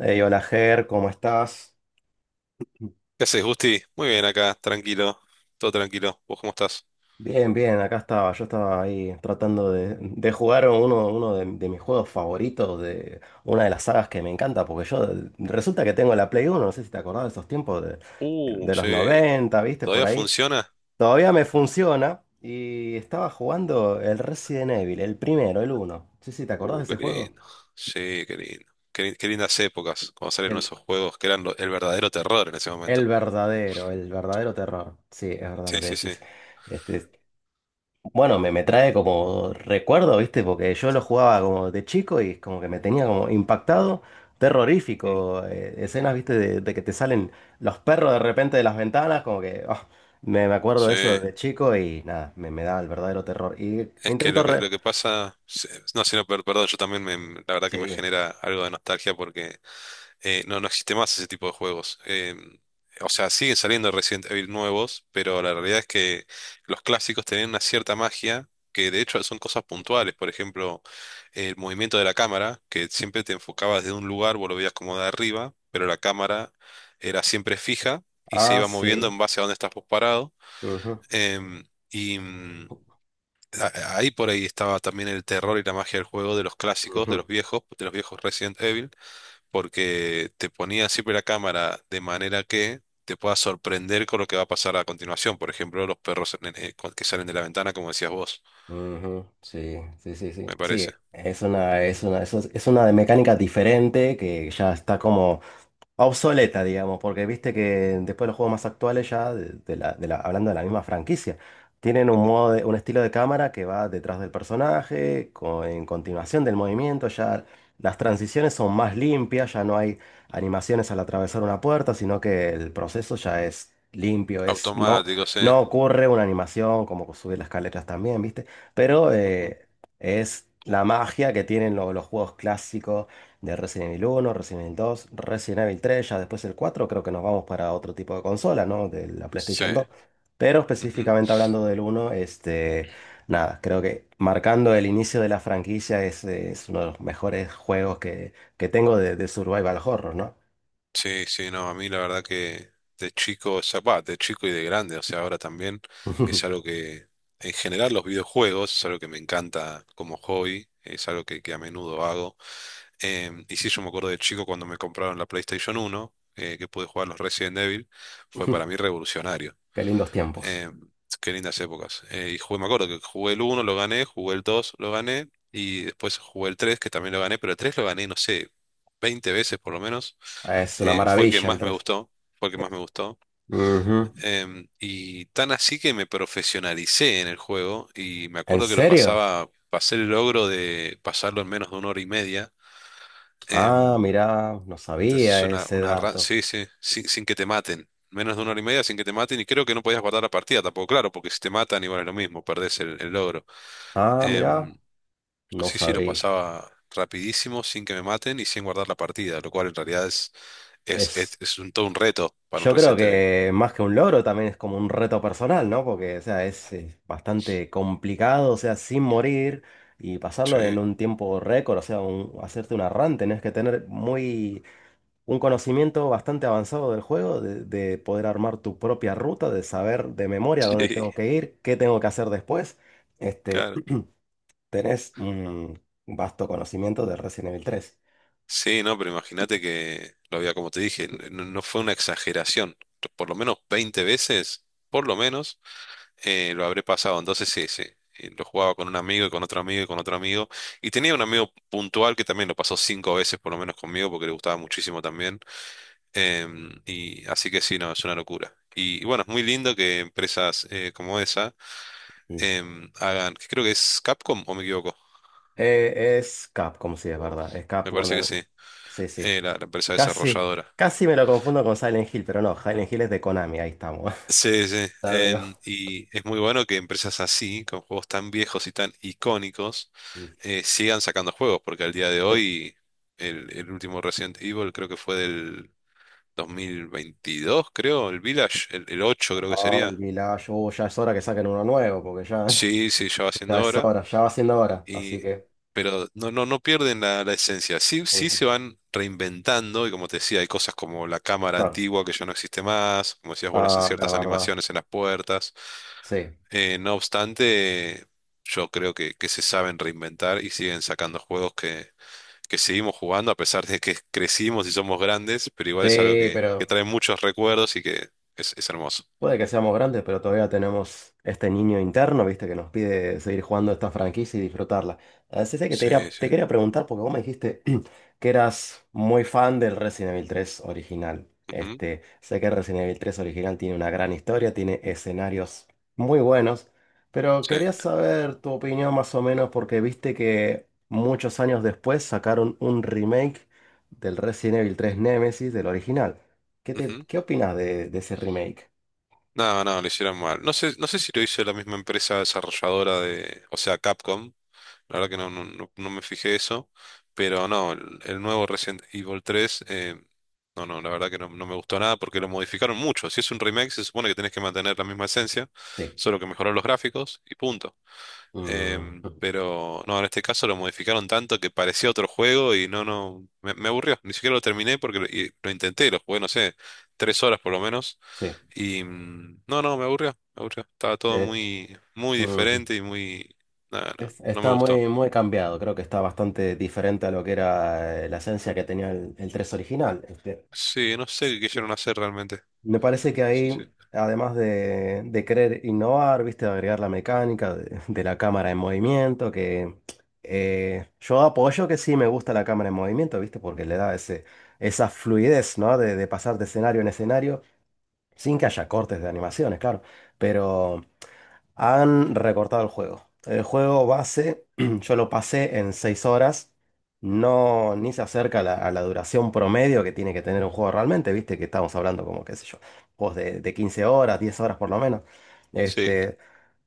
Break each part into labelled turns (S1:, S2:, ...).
S1: Hey, hola Ger, ¿cómo estás?
S2: ¿Qué haces, Gusti? Muy bien acá, tranquilo, todo tranquilo. ¿Vos cómo estás?
S1: Bien, bien, acá estaba. Yo estaba ahí tratando de jugar uno de mis juegos favoritos, de una de las sagas que me encanta, porque yo resulta que tengo la Play Uno. No sé si te acordás de esos tiempos de los
S2: Sí,
S1: 90, ¿viste? Por
S2: ¿todavía
S1: ahí.
S2: funciona?
S1: Todavía me funciona y estaba jugando el Resident Evil, el primero, el uno. Sí, sí, ¿te acordás de
S2: Qué
S1: ese juego?
S2: lindo. Sí, qué lindo. Qué lindas épocas cuando salieron
S1: El,
S2: esos juegos que eran el verdadero terror en ese
S1: el
S2: momento.
S1: verdadero, el verdadero terror. Sí, es verdad
S2: Sí,
S1: lo que
S2: sí, sí.
S1: decís. Este, Bueno, me trae como recuerdo, ¿viste? Porque yo lo jugaba como de chico y es como que me tenía como impactado,
S2: Mm,
S1: terrorífico. Escenas, ¿viste? De que te salen los perros de repente de las ventanas, como que me acuerdo
S2: Sí,
S1: de eso
S2: es
S1: de chico y nada, me da el verdadero terror. Y
S2: que
S1: intento re...
S2: lo que pasa, sí, no, sino, perdón, la verdad que me
S1: Sí,
S2: genera algo de nostalgia porque no, no existe más ese tipo de juegos. O sea, siguen saliendo Resident Evil nuevos, pero la realidad es que los clásicos tenían una cierta magia, que de hecho son cosas puntuales. Por ejemplo, el movimiento de la cámara, que siempre te enfocabas de un lugar, vos lo veías como de arriba, pero la cámara era siempre fija y se
S1: ah,
S2: iba moviendo
S1: sí.
S2: en base a donde estás vos parado.
S1: Ujú,
S2: Em, y mm, Ahí por ahí estaba también el terror y la magia del juego de los clásicos,
S1: ujú,
S2: de los viejos Resident Evil porque te ponía siempre la cámara de manera que te puedas sorprender con lo que va a pasar a continuación. Por ejemplo, los perros que salen de la ventana, como decías vos,
S1: ujú, sí, sí, sí, sí.
S2: me
S1: Sí,
S2: parece.
S1: es una de mecánica diferente que ya está como... obsoleta, digamos, porque viste que después los juegos más actuales ya, hablando de la misma franquicia, tienen un
S2: Ujú.
S1: modo de- un estilo de cámara que va detrás del personaje, co- en continuación del movimiento, ya las transiciones son más limpias, ya no hay animaciones al atravesar una puerta, sino que el proceso ya es limpio, no,
S2: Automático, sí.
S1: no ocurre una animación como subir las escaleras también, viste, pero
S2: Ujú.
S1: es la magia que tienen lo- los juegos clásicos de Resident Evil uno, Resident Evil dos, Resident Evil tres, ya después el 4 creo que nos vamos para otro tipo de consola, ¿no? De la PlayStation
S2: Sí.
S1: dos. Pero
S2: Ujú.
S1: específicamente hablando del uno, nada, creo que marcando el inicio de la franquicia es uno de los mejores juegos que tengo de Survival Horror, ¿no?
S2: Sí, sí, no, a mí la verdad que de chico, o sea, bah, de chico y de grande, o sea, ahora también es algo que, en general, los videojuegos es algo que me encanta como hobby, es algo que a menudo hago. Y sí, yo me acuerdo de chico cuando me compraron la PlayStation uno que pude jugar los Resident Evil, fue para mí revolucionario.
S1: Qué lindos tiempos.
S2: Em, Qué lindas épocas. Y jugué, me acuerdo que jugué el uno, lo gané, jugué el 2 lo gané, y después jugué el 3 que también lo gané, pero el 3 lo gané, no sé, 20 veces por lo menos.
S1: Es una
S2: Fue el que
S1: maravilla el
S2: más me
S1: tres.
S2: gustó, fue el que más me gustó.
S1: Ujú.
S2: Y tan así que me profesionalicé en el juego, y me
S1: ¿En
S2: acuerdo que lo
S1: serio?
S2: pasaba, pasé el logro de pasarlo en menos de una hora y media.
S1: Ah,
S2: Em,
S1: mirá, no
S2: Te haces
S1: sabía ese
S2: una run,
S1: dato.
S2: sí, sí, sin que te maten. Menos de una hora y media sin que te maten y creo que no podías guardar la partida tampoco, claro, porque si te matan igual es lo mismo, perdés el logro.
S1: Ah, mirá,
S2: Em,
S1: no
S2: sí, sí, lo
S1: sabía.
S2: pasaba rapidísimo sin que me maten y sin guardar la partida, lo cual en realidad
S1: Es...
S2: es un, todo un reto para un
S1: Yo creo
S2: Resident Evil.
S1: que más que un logro también es como un reto personal, ¿no? Porque, o sea, bastante complicado, o sea, sin morir y
S2: Sí,
S1: pasarlo en un tiempo récord, o sea, un- hacerte una run, tenés que tener muy, un conocimiento bastante avanzado del juego, de poder armar tu propia ruta, de saber de memoria dónde
S2: sí,
S1: tengo que ir, qué tengo que hacer después. Este,
S2: claro.
S1: tenés un vasto conocimiento de Resident Evil tres.
S2: Sí, no, pero imagínate que lo había, como te dije, no, no fue una exageración. Por lo menos 20 veces, por lo menos lo habré pasado. Entonces sí, sí. Lo jugaba con un amigo y con otro amigo y con otro amigo. Y tenía un amigo puntual que también lo pasó cinco veces por lo menos conmigo porque le gustaba muchísimo también. Y así que sí, no, es una locura. Y bueno, es muy lindo que empresas como esa hagan, que creo que es Capcom o me equivoco.
S1: Es Capcom, sí, es verdad. Es
S2: Me
S1: Capcom. Con
S2: parece que
S1: el-
S2: sí,
S1: Sí, sí.
S2: la empresa
S1: Casi,
S2: desarrolladora.
S1: casi me lo confundo con Silent Hill, pero no, Silent Hill es de Konami, ahí estamos.
S2: Sí, sí.
S1: Ya digo.
S2: Y es muy bueno que empresas así, con juegos tan viejos y tan icónicos,
S1: Sí.
S2: sigan sacando juegos, porque al día de hoy, el último Resident Evil creo que fue del 2022, creo, el Village, el 8 creo que
S1: Ay,
S2: sería.
S1: mirá, yo oh, ya es hora que saquen uno nuevo, porque ya,
S2: Sí, sí, ya va
S1: ya
S2: siendo
S1: es
S2: hora.
S1: hora, ya va siendo hora, así
S2: Y,
S1: que.
S2: pero no, no, no pierden la esencia. Sí, sí
S1: Ujú,
S2: se van reinventando, y como te decía, hay cosas como la cámara
S1: claro.
S2: antigua que ya no existe más, como decías vos, las
S1: Ah, la
S2: ciertas
S1: verdad.
S2: animaciones en las puertas.
S1: Sí.
S2: No obstante, yo creo que se saben reinventar y siguen sacando juegos que seguimos jugando a pesar de que crecimos y somos grandes, pero igual es algo
S1: Sí,
S2: que
S1: pero.
S2: trae muchos recuerdos y que es hermoso.
S1: Puede que seamos grandes, pero todavía tenemos este niño interno, viste, que nos pide seguir jugando esta franquicia y disfrutarla. Así es que quería-
S2: Sí, sí.
S1: te quería preguntar, porque vos me dijiste que eras muy fan del Resident Evil tres original.
S2: Ujú,
S1: Este, sé que el Resident Evil tres original tiene una gran historia, tiene escenarios muy buenos, pero
S2: sí.
S1: quería saber tu opinión más o menos, porque viste que muchos años después sacaron un remake del Resident Evil tres Nemesis del original. ¿Qué
S2: Ujú.
S1: qué opinas de ese remake?
S2: No, no, lo hicieron mal. No sé, no sé si lo hizo la misma empresa desarrolladora de, o sea, Capcom. La verdad que no, no me fijé eso. Pero no, el nuevo Resident Evil 3, no, no, la verdad que no, no me gustó nada porque lo modificaron mucho. Si es un remake, se supone que tenés que mantener la misma esencia,
S1: Sí,
S2: solo que mejorar los gráficos y punto.
S1: mm,
S2: Pero no, en este caso lo modificaron tanto que parecía otro juego y no, no, me aburrió. Ni siquiera lo terminé porque lo, y lo intenté, lo jugué, no sé, tres horas por lo menos
S1: sí,
S2: y no, no, me aburrió, me aburrió. Estaba todo
S1: de hecho,
S2: muy, muy
S1: mm,
S2: diferente y muy... No, no,
S1: es-
S2: no me
S1: está
S2: gustó.
S1: muy, muy cambiado, creo que está bastante diferente a lo que era la esencia que tenía el 3 original.
S2: Sí, no sé qué quisieron hacer realmente.
S1: Me parece que
S2: Sí, sí.
S1: ahí, además de querer innovar, viste, de agregar la mecánica de la cámara en movimiento, que yo apoyo que sí me gusta la cámara en movimiento, viste, porque le da ese, esa fluidez, ¿no? De pasar de escenario en escenario sin que haya cortes de animaciones, claro, pero... Han recortado el juego. El juego base, yo lo pasé en 6 horas. No, ni se acerca a a la duración promedio que tiene que tener un juego realmente. Viste que estamos hablando como, qué sé yo, juegos de 15 horas, 10 horas por lo menos.
S2: Sí.
S1: Este,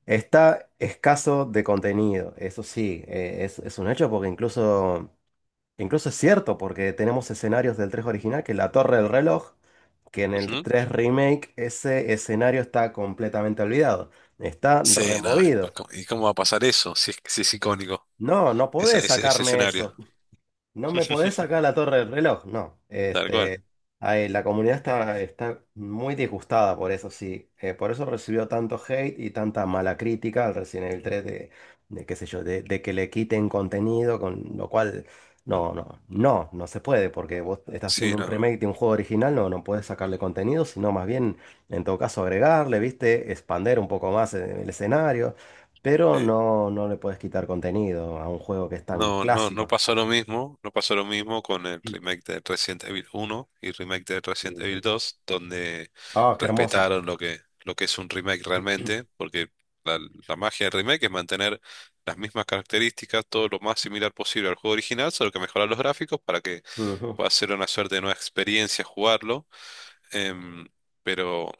S1: está escaso de contenido, eso sí, es un hecho porque incluso incluso es cierto, porque tenemos escenarios del 3 original, que la Torre del Reloj, que en el
S2: Ujú.
S1: 3 Remake ese escenario está completamente olvidado, está
S2: Sí, no. ¿Y pues
S1: removido.
S2: cómo, y cómo va a pasar eso? Si es, si es icónico,
S1: No, no
S2: esa,
S1: podés
S2: ese
S1: sacarme eso.
S2: escenario.
S1: No me podés sacar la Torre del Reloj, no.
S2: Tal cual.
S1: Ahí, la comunidad está, está muy disgustada por eso, sí. Por eso recibió tanto hate y tanta mala crítica al Resident Evil tres de qué sé yo, de que le quiten contenido, con lo cual no, no, no, no se puede, porque vos estás
S2: Sí,
S1: haciendo un
S2: no, no.
S1: remake de un juego original, no, no podés sacarle contenido, sino más bien, en todo caso, agregarle, ¿viste? Expander un poco más el escenario, pero
S2: Sí.
S1: no, no le podés quitar contenido a un juego que es tan
S2: No, no, no
S1: clásico.
S2: pasó lo mismo, no pasó lo mismo con el remake de Resident Evil 1 y remake de Resident Evil
S1: Ujú.
S2: 2, donde
S1: Ah, qué hermoso.
S2: respetaron lo que es un remake realmente, porque la, la magia del remake es mantener las mismas características, todo lo más similar posible al juego original, solo que mejorar los gráficos para que
S1: Ujú.
S2: pueda ser una suerte de nueva experiencia jugarlo. Em, pero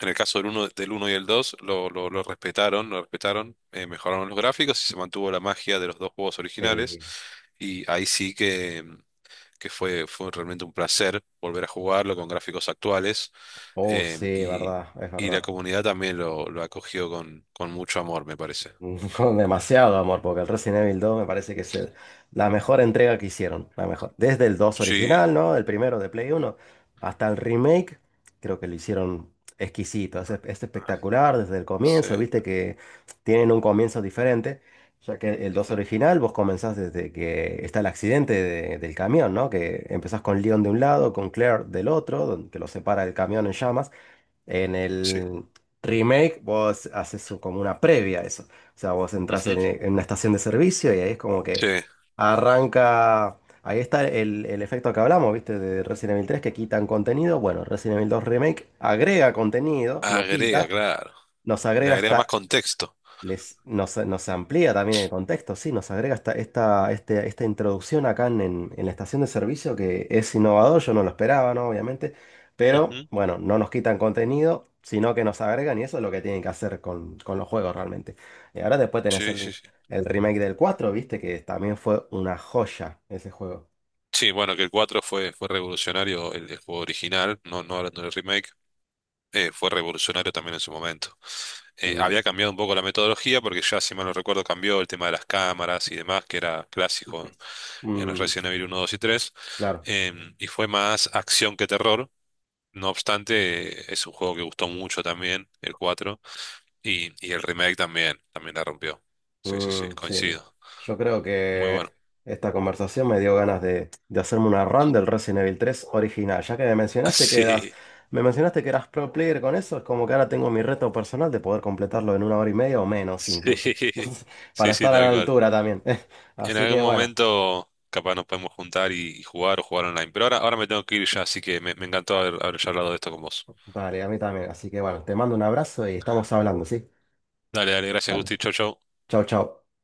S2: en el caso del uno, y el 2 lo respetaron, mejoraron los gráficos y se mantuvo la magia de los dos juegos originales.
S1: Sí.
S2: Y ahí sí que fue, fue realmente un placer volver a jugarlo con gráficos actuales.
S1: Oh,
S2: eh,
S1: sí,
S2: y,
S1: verdad, es
S2: y la
S1: verdad.
S2: comunidad también lo acogió con mucho amor, me parece.
S1: Con demasiado amor, porque el Resident Evil 2 me parece que es el- la mejor entrega que hicieron. La mejor. Desde el 2
S2: Sí,
S1: original, ¿no? El primero de Play 1 hasta el remake, creo que lo hicieron exquisito. Es espectacular desde el
S2: sí.
S1: comienzo, viste que tienen un comienzo diferente. Ya que el 2
S2: Ujú,
S1: original vos comenzás desde que está el accidente de- del camión, ¿no? Que empezás con Leon de un lado, con Claire del otro, donde- que lo separa el camión en llamas. En
S2: sí.
S1: el remake vos haces su- como una previa a eso. O sea, vos entras
S2: Ujú,
S1: en una estación de servicio y ahí es como que
S2: sí,
S1: arranca... Ahí está el efecto que hablamos, ¿viste? De Resident Evil tres que quitan contenido. Bueno, Resident Evil dos Remake agrega contenido, no
S2: agrega,
S1: quita,
S2: claro.
S1: nos
S2: Le
S1: agrega
S2: agrega más
S1: esta
S2: contexto.
S1: les, nos, nos amplía también el contexto, sí, nos agrega esta introducción acá en la estación de servicio que es innovador, yo no lo esperaba, ¿no? Obviamente, pero
S2: Ujú,
S1: bueno, no nos quitan contenido, sino que nos agregan y eso es lo que tienen que hacer con los juegos realmente. Y ahora después tenés
S2: sí, sí, sí.
S1: el remake del 4 viste, que también fue una joya ese juego.
S2: Sí, bueno, que el 4 fue, fue revolucionario, el juego original, no, no hablando del remake, fue revolucionario también en su momento. Había
S1: Mm,
S2: cambiado un poco la metodología porque ya, si mal no recuerdo, cambió el tema de las cámaras y demás, que era clásico en los
S1: mm,
S2: Resident Evil uno, 2 y 3,
S1: claro.
S2: y fue más acción que terror. No obstante, es un juego que gustó mucho también, el 4 y el remake también, también la rompió. Sí, sí, sí,
S1: Mm, sí,
S2: coincido.
S1: yo creo
S2: Muy
S1: que
S2: bueno.
S1: esta conversación me dio ganas de hacerme una run del Resident Evil tres original. Ya que me mencionaste que eras,
S2: Sí,
S1: me mencionaste que eras pro player con eso, es como que ahora tengo mi reto personal de poder completarlo en una hora y media o menos incluso,
S2: sí,
S1: para
S2: sí, sí,
S1: estar a la
S2: tal cual.
S1: altura también.
S2: En
S1: Así que
S2: algún
S1: bueno,
S2: momento capaz nos podemos juntar y jugar o jugar online. Pero ahora, ahora me tengo que ir ya, así que me encantó haber, haber charlado de esto con vos.
S1: dale, a mí también. Así que bueno, te mando un abrazo y estamos hablando, ¿sí?
S2: Dale, dale, gracias,
S1: Dale,
S2: Gusti. Chau, chau.
S1: chau, chau.